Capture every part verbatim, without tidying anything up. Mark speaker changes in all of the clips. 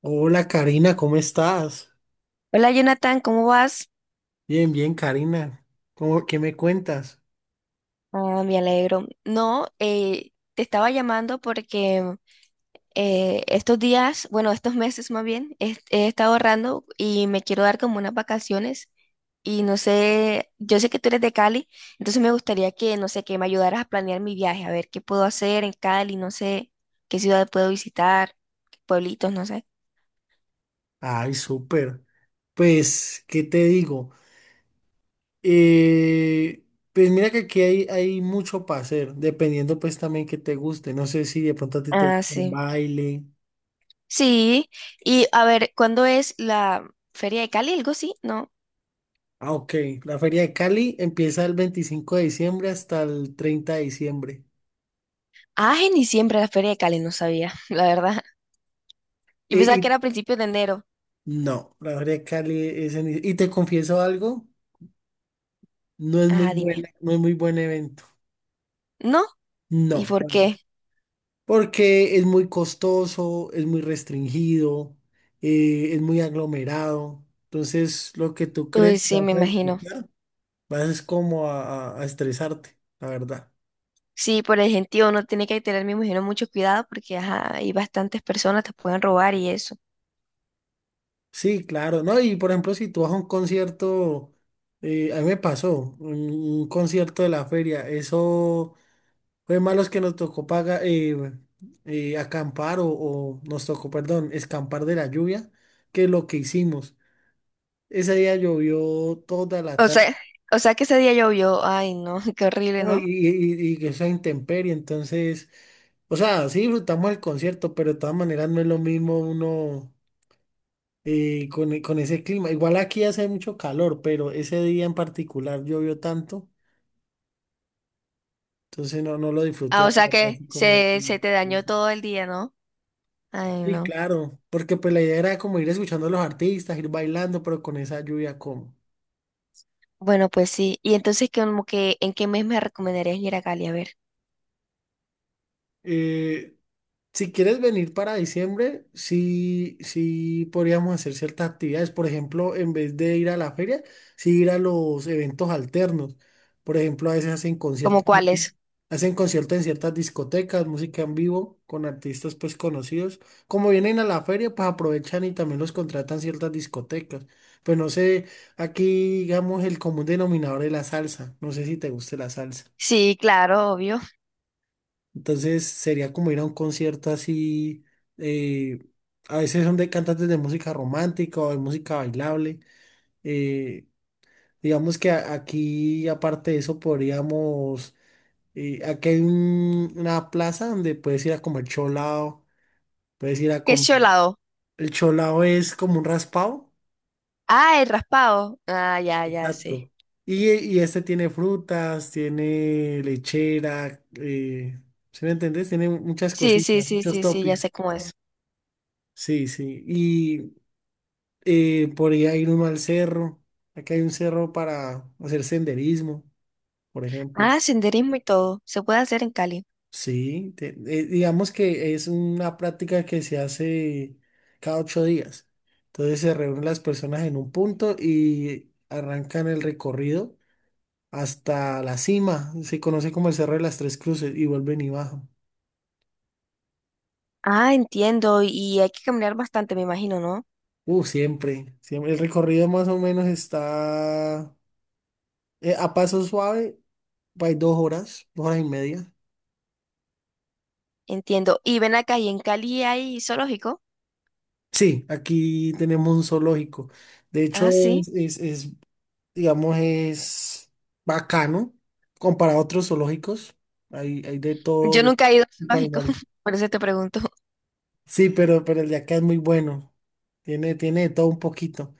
Speaker 1: Hola Karina, ¿cómo estás?
Speaker 2: Hola Jonathan, ¿cómo vas?
Speaker 1: Bien, bien Karina. ¿Cómo, qué me cuentas?
Speaker 2: Ah, me alegro. No, eh, te estaba llamando porque eh, estos días, bueno, estos meses más bien, he, he estado ahorrando y me quiero dar como unas vacaciones y no sé, yo sé que tú eres de Cali, entonces me gustaría que, no sé, que me ayudaras a planear mi viaje, a ver qué puedo hacer en Cali, no sé, qué ciudad puedo visitar, qué pueblitos, no sé.
Speaker 1: Ay, súper. Pues, ¿qué te digo? Eh, pues mira que aquí hay, hay mucho para hacer, dependiendo pues también que te guste. No sé si de pronto a ti te
Speaker 2: Ah,
Speaker 1: gusta el
Speaker 2: sí.
Speaker 1: baile.
Speaker 2: Sí, y a ver, ¿cuándo es la Feria de Cali? ¿Algo así? ¿No?
Speaker 1: Ah, ok. La Feria de Cali empieza el veinticinco de diciembre hasta el treinta de diciembre.
Speaker 2: Ah, en diciembre la Feria de Cali, no sabía, la verdad. Yo
Speaker 1: Y,
Speaker 2: pensaba que
Speaker 1: y-
Speaker 2: era a principios de enero.
Speaker 1: no, la Feria de Cali es en... Y te confieso algo, no es muy
Speaker 2: Ah, dime.
Speaker 1: buena, no es muy buen evento.
Speaker 2: ¿No? ¿Y
Speaker 1: No.
Speaker 2: por qué?
Speaker 1: Porque es muy costoso, es muy restringido, eh, es muy aglomerado. Entonces, lo que tú
Speaker 2: Uy,
Speaker 1: crees que
Speaker 2: sí,
Speaker 1: vas
Speaker 2: me
Speaker 1: a
Speaker 2: imagino.
Speaker 1: disfrutar, vas es como a, a- a estresarte, la verdad.
Speaker 2: Sí, por el gentío uno tiene que tener, me imagino, mucho cuidado porque ajá, hay bastantes personas, te pueden robar y eso.
Speaker 1: Sí, claro, ¿no? Y por ejemplo, si tú vas a un concierto, eh, a mí me pasó, un, un concierto de la feria, eso fue malos que nos tocó pagar, acampar o, o nos tocó, perdón, escampar de la lluvia, que es lo que hicimos. Ese día llovió toda la
Speaker 2: O
Speaker 1: tarde.
Speaker 2: sea, o sea que ese día llovió. Ay, no, qué horrible,
Speaker 1: No, y,
Speaker 2: ¿no?
Speaker 1: y- y que sea intemperie, entonces, o sea, sí disfrutamos el concierto, pero de todas maneras no es lo mismo uno eh, con, e- con ese clima. Igual aquí hace mucho calor, pero ese día en particular llovió tanto, entonces no, no lo
Speaker 2: Ah,
Speaker 1: disfruté,
Speaker 2: o
Speaker 1: la
Speaker 2: sea
Speaker 1: verdad,
Speaker 2: que
Speaker 1: así como...
Speaker 2: se, se te dañó todo el día, ¿no? Ay,
Speaker 1: Sí,
Speaker 2: no.
Speaker 1: claro, porque pues la idea era como ir escuchando a los artistas, ir bailando, pero con esa lluvia como.
Speaker 2: Bueno, pues sí. Y entonces, como que, ¿en qué mes me recomendarías ir a Cali? A ver,
Speaker 1: Si quieres venir para diciembre, sí, sí podríamos hacer ciertas actividades. Por ejemplo, en vez de ir a la feria, sí ir a los eventos alternos. Por ejemplo, a veces hacen
Speaker 2: ¿como
Speaker 1: conciertos,
Speaker 2: cuáles?
Speaker 1: hacen conciertos en ciertas discotecas, música en vivo con artistas pues conocidos. Como vienen a la feria, pues aprovechan y también los contratan ciertas discotecas. Pues no sé, aquí digamos el común denominador es la salsa. No sé si te guste la salsa.
Speaker 2: Sí, claro, obvio.
Speaker 1: Entonces sería como ir a un concierto así, eh, a veces son de cantantes de música romántica o de música bailable. eh, digamos que a- aquí, aparte de eso, podríamos, eh, aquí hay un- una plaza donde puedes ir a comer cholao, puedes ir a
Speaker 2: ¿Qué es
Speaker 1: comer,
Speaker 2: Cholado?
Speaker 1: el cholao es como un raspado,
Speaker 2: Ah, el raspado. Ah, ya, ya, sí.
Speaker 1: exacto. Y, y este tiene frutas, tiene lechera, eh, ¿sí me entendés? Tiene muchas
Speaker 2: Sí, sí,
Speaker 1: cositas,
Speaker 2: sí,
Speaker 1: muchos
Speaker 2: sí, sí, ya
Speaker 1: toppings.
Speaker 2: sé cómo es.
Speaker 1: Sí, sí. Eh, podría ir uno al cerro. Acá hay un cerro para hacer senderismo, por ejemplo.
Speaker 2: Ah, senderismo y todo. Se puede hacer en Cali.
Speaker 1: Sí, te- eh, digamos que es una práctica que se hace cada ocho días. Entonces se reúnen las personas en un punto y arrancan el recorrido hasta la cima. Se conoce como el Cerro de las Tres Cruces y vuelven y bajan.
Speaker 2: Ah, entiendo. Y hay que caminar bastante, me imagino, ¿no?
Speaker 1: Uh, siempre, siempre. El recorrido más o menos está eh, a paso suave, va dos horas, dos horas y media.
Speaker 2: Entiendo. Y ven acá, ¿y en Cali hay zoológico?
Speaker 1: Sí, aquí tenemos un zoológico. De hecho,
Speaker 2: Ah, sí.
Speaker 1: es, es, es, digamos, es bacano comparado a otros zoológicos. Hay, hay de
Speaker 2: Yo
Speaker 1: todo
Speaker 2: nunca he ido al
Speaker 1: tipo de
Speaker 2: zoológico,
Speaker 1: animales.
Speaker 2: por eso te pregunto.
Speaker 1: Sí, pero, pero el de acá es muy bueno. Tiene, tiene de todo un poquito.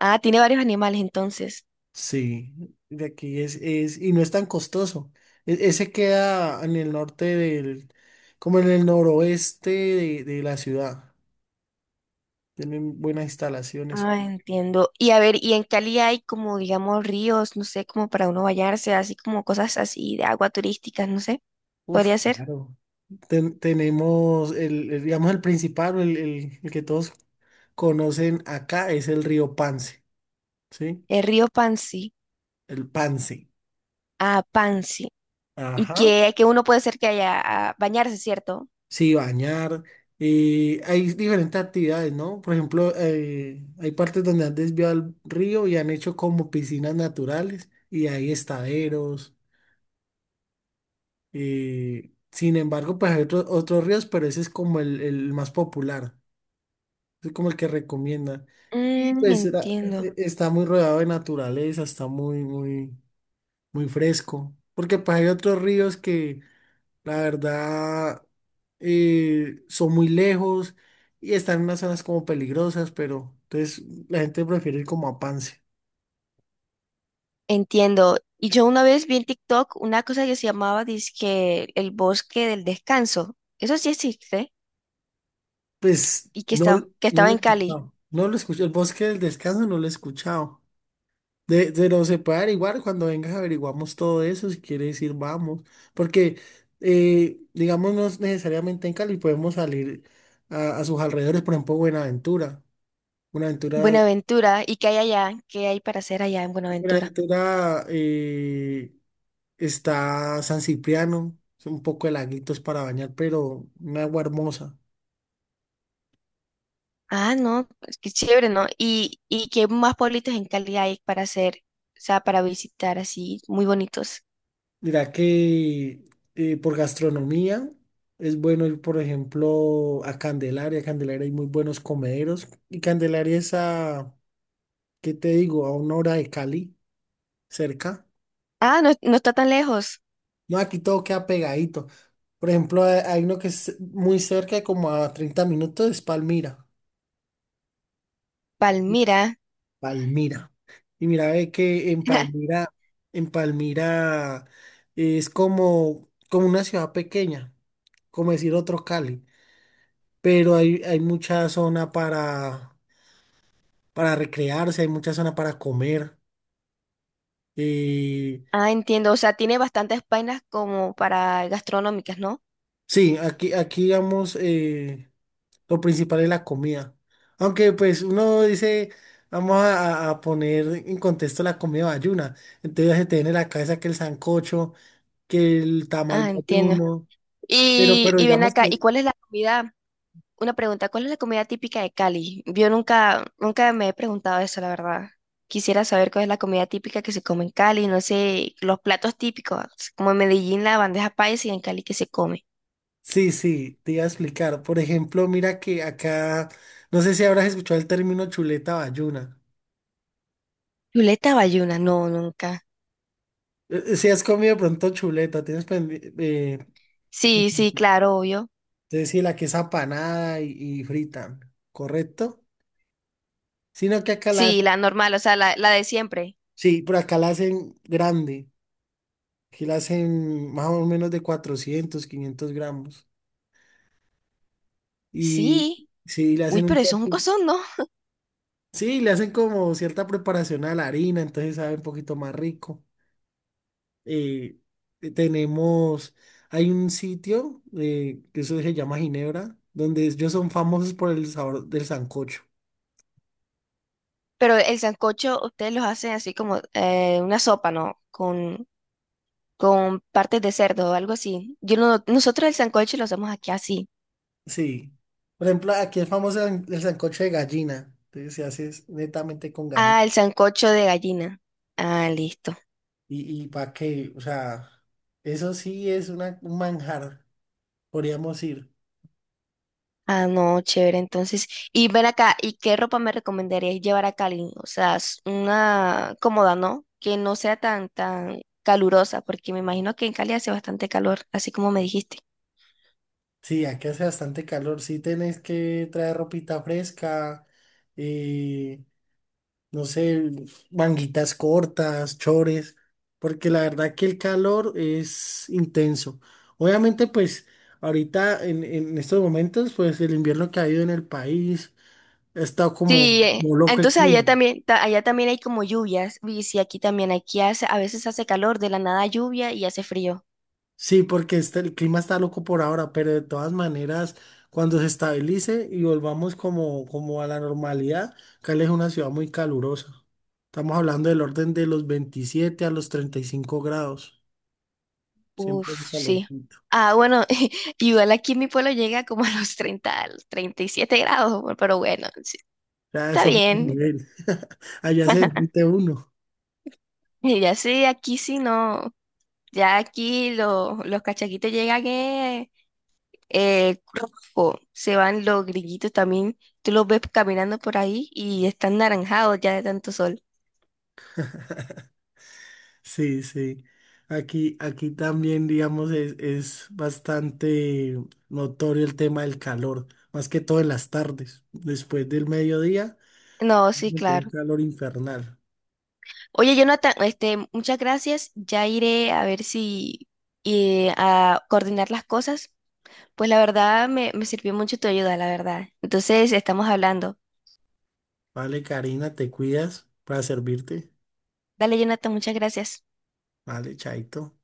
Speaker 2: Ah, tiene varios animales entonces.
Speaker 1: Sí, de aquí es, es, y no es tan costoso. E- ese queda en el norte del, como en el noroeste de, de la ciudad. Tienen buenas instalaciones.
Speaker 2: Ah, entiendo. Y a ver, ¿y en Cali hay como, digamos, ríos, no sé, como para uno bañarse, así como cosas así de agua turísticas, no sé?
Speaker 1: Uf,
Speaker 2: ¿Podría ser?
Speaker 1: claro. Ten- tenemos el, el, digamos, el principal, o el, el- el que todos conocen acá es el río Pance, ¿sí?
Speaker 2: El río Pansi.
Speaker 1: El Pance.
Speaker 2: Ah, Pansi. Y
Speaker 1: Ajá.
Speaker 2: que, que uno puede ser que haya a bañarse, ¿cierto?
Speaker 1: Sí, bañar. Eh, hay diferentes actividades, ¿no? Por ejemplo, eh, hay partes donde han desviado el río y han hecho como piscinas naturales y hay estaderos. Eh, sin embargo, pues hay otro- otros ríos, pero ese es como el, el más popular. Es como el que recomienda. Y
Speaker 2: Mm,
Speaker 1: pues era-
Speaker 2: entiendo,
Speaker 1: e- está muy rodeado de naturaleza, está muy, muy, muy fresco. Porque pues hay otros ríos que la verdad eh, son muy lejos y están en unas zonas como peligrosas, pero entonces la gente prefiere ir como a Pance.
Speaker 2: entiendo. Y yo una vez vi en TikTok una cosa que se llamaba dizque el bosque del descanso. Eso sí existe
Speaker 1: Pues
Speaker 2: y que
Speaker 1: no,
Speaker 2: estaba, que
Speaker 1: no
Speaker 2: estaba
Speaker 1: lo he
Speaker 2: en Cali,
Speaker 1: escuchado. No lo he escuchado. El Bosque del Descanso no lo he escuchado. De, de no separar, igual cuando vengas averiguamos todo eso, si quieres decir vamos, porque eh, digamos no es necesariamente en Cali, podemos salir a, a sus alrededores, por ejemplo, Buenaventura. Buenaventura,
Speaker 2: Buenaventura. ¿Y qué hay allá? ¿Qué hay para hacer allá en Buenaventura?
Speaker 1: Buenaventura, eh, está San Cipriano, son un poco de laguitos para bañar, pero una agua hermosa.
Speaker 2: Ah, no, pues qué chévere, ¿no? ¿Y, y qué más pueblitos en Cali hay para hacer, o sea, para visitar así, muy bonitos?
Speaker 1: Mira que eh, por gastronomía es bueno ir, por ejemplo, a Candelaria. Candelaria hay muy buenos comederos y Candelaria es a ¿qué te digo? A una hora de Cali, cerca.
Speaker 2: Ah, no, no está tan lejos.
Speaker 1: No, aquí todo queda pegadito. Por ejemplo, hay hay uno que es muy cerca, como a treinta minutos, es Palmira. Y-
Speaker 2: Palmira.
Speaker 1: Palmira. Y mira, ve que en Palmira, en Palmira es como, como una ciudad pequeña, como decir otro Cali. Pero hay, hay mucha zona para, para recrearse, hay mucha zona para comer. Eh,
Speaker 2: Ah, entiendo, o sea, tiene bastantes vainas como para gastronómicas, ¿no?
Speaker 1: sí, aquí, aquí digamos. eh, Lo principal es la comida. Aunque pues uno dice, vamos a, a- a poner en contexto la comida bayuna. Entonces se te viene a la cabeza que el sancocho, que el tamal
Speaker 2: Ah, entiendo.
Speaker 1: bayuno.
Speaker 2: Y, y ven
Speaker 1: Digamos
Speaker 2: acá,
Speaker 1: que...
Speaker 2: ¿y cuál es la comida? Una pregunta, ¿cuál es la comida típica de Cali? Yo nunca, nunca me he preguntado eso, la verdad. Quisiera saber cuál es la comida típica que se come en Cali, no sé, los platos típicos, como en Medellín la bandeja paisa y en Cali que se come.
Speaker 1: Sí, sí, te iba a explicar. Por ejemplo, mira que acá, no sé si habrás escuchado el término chuleta bayuna.
Speaker 2: Chuleta bayuna, no, nunca.
Speaker 1: Eh, eh, Si has comido de pronto chuleta, tienes pendiente... Eh,
Speaker 2: Sí, sí,
Speaker 1: entonces
Speaker 2: claro, obvio.
Speaker 1: sí, la que es apanada y, y frita, ¿correcto? Sino que acá la...
Speaker 2: Sí, la normal, o sea, la, la de siempre.
Speaker 1: Sí, pero acá la hacen grande, que la hacen más o menos de cuatrocientos quinientos gramos. Y
Speaker 2: Sí.
Speaker 1: sí, le
Speaker 2: Uy,
Speaker 1: hacen un
Speaker 2: pero eso es un
Speaker 1: topping.
Speaker 2: cosón, ¿no?
Speaker 1: Sí, le hacen como cierta preparación a la harina, entonces sabe un poquito más rico. Eh, eh, tenemos, Hay un sitio eh, que eso se llama Ginebra, donde ellos son famosos por el sabor del sancocho.
Speaker 2: Pero el sancocho ustedes los hacen así como eh, una sopa, ¿no? Con, con partes de cerdo o algo así. Yo no, nosotros el sancocho lo hacemos aquí así.
Speaker 1: Sí. Por ejemplo, aquí es famoso el el sancocho de gallina. Entonces se hace es netamente con gallina.
Speaker 2: Ah, el sancocho de gallina. Ah, listo.
Speaker 1: Y, y para qué, o sea, eso sí es una, un manjar. Podríamos ir.
Speaker 2: Ah, no, chévere. Entonces, y ven acá, ¿y qué ropa me recomendarías llevar a Cali? O sea, s- una cómoda, ¿no? Que no sea tan, tan calurosa, porque me imagino que en Cali hace bastante calor, así como me dijiste.
Speaker 1: Sí, aquí hace bastante calor. Sí, tenés que traer ropita fresca, eh, no sé, manguitas cortas, chores, porque la verdad que el calor es intenso. Obviamente, pues ahorita en, en estos momentos, pues el invierno que ha habido en el país ha estado como,
Speaker 2: Sí, eh,
Speaker 1: como loco el
Speaker 2: entonces allá
Speaker 1: clima.
Speaker 2: también, ta- allá también hay como lluvias, y sí, aquí también, aquí hace, a veces hace calor, de la nada lluvia y hace frío.
Speaker 1: Sí, porque este, el clima está loco por ahora, pero de todas maneras, cuando se estabilice y volvamos como, como a la normalidad, Cali es una ciudad muy calurosa. Estamos hablando del orden de los veintisiete a los treinta y cinco grados. Siempre hace
Speaker 2: Uf, sí.
Speaker 1: calorcito.
Speaker 2: Ah, bueno, igual aquí en mi pueblo llega como a los treinta, a los treinta y siete grados, bu- pero bueno, sí,
Speaker 1: Ya
Speaker 2: está
Speaker 1: eso es otro
Speaker 2: bien.
Speaker 1: nivel. Allá se derrite uno.
Speaker 2: Y ya sí, aquí sí no. Ya aquí lo- los cachaquitos llegan eh, eh, rojo, se van los grillitos también. Tú los ves caminando por ahí y están naranjados ya de tanto sol.
Speaker 1: Sí, sí. Aquí, aquí también, digamos, es, es bastante notorio el tema del calor, más que todo en las tardes. Después del mediodía
Speaker 2: No, sí,
Speaker 1: meter un
Speaker 2: claro.
Speaker 1: calor infernal.
Speaker 2: Oye, Jonathan, este, muchas gracias. Ya iré a ver si eh, a coordinar las cosas. Pues la verdad me, me sirvió mucho tu ayuda, la verdad. Entonces estamos hablando.
Speaker 1: Vale, Karina, te cuidas para servirte.
Speaker 2: Dale, Jonathan, muchas gracias.
Speaker 1: Vale, chaito.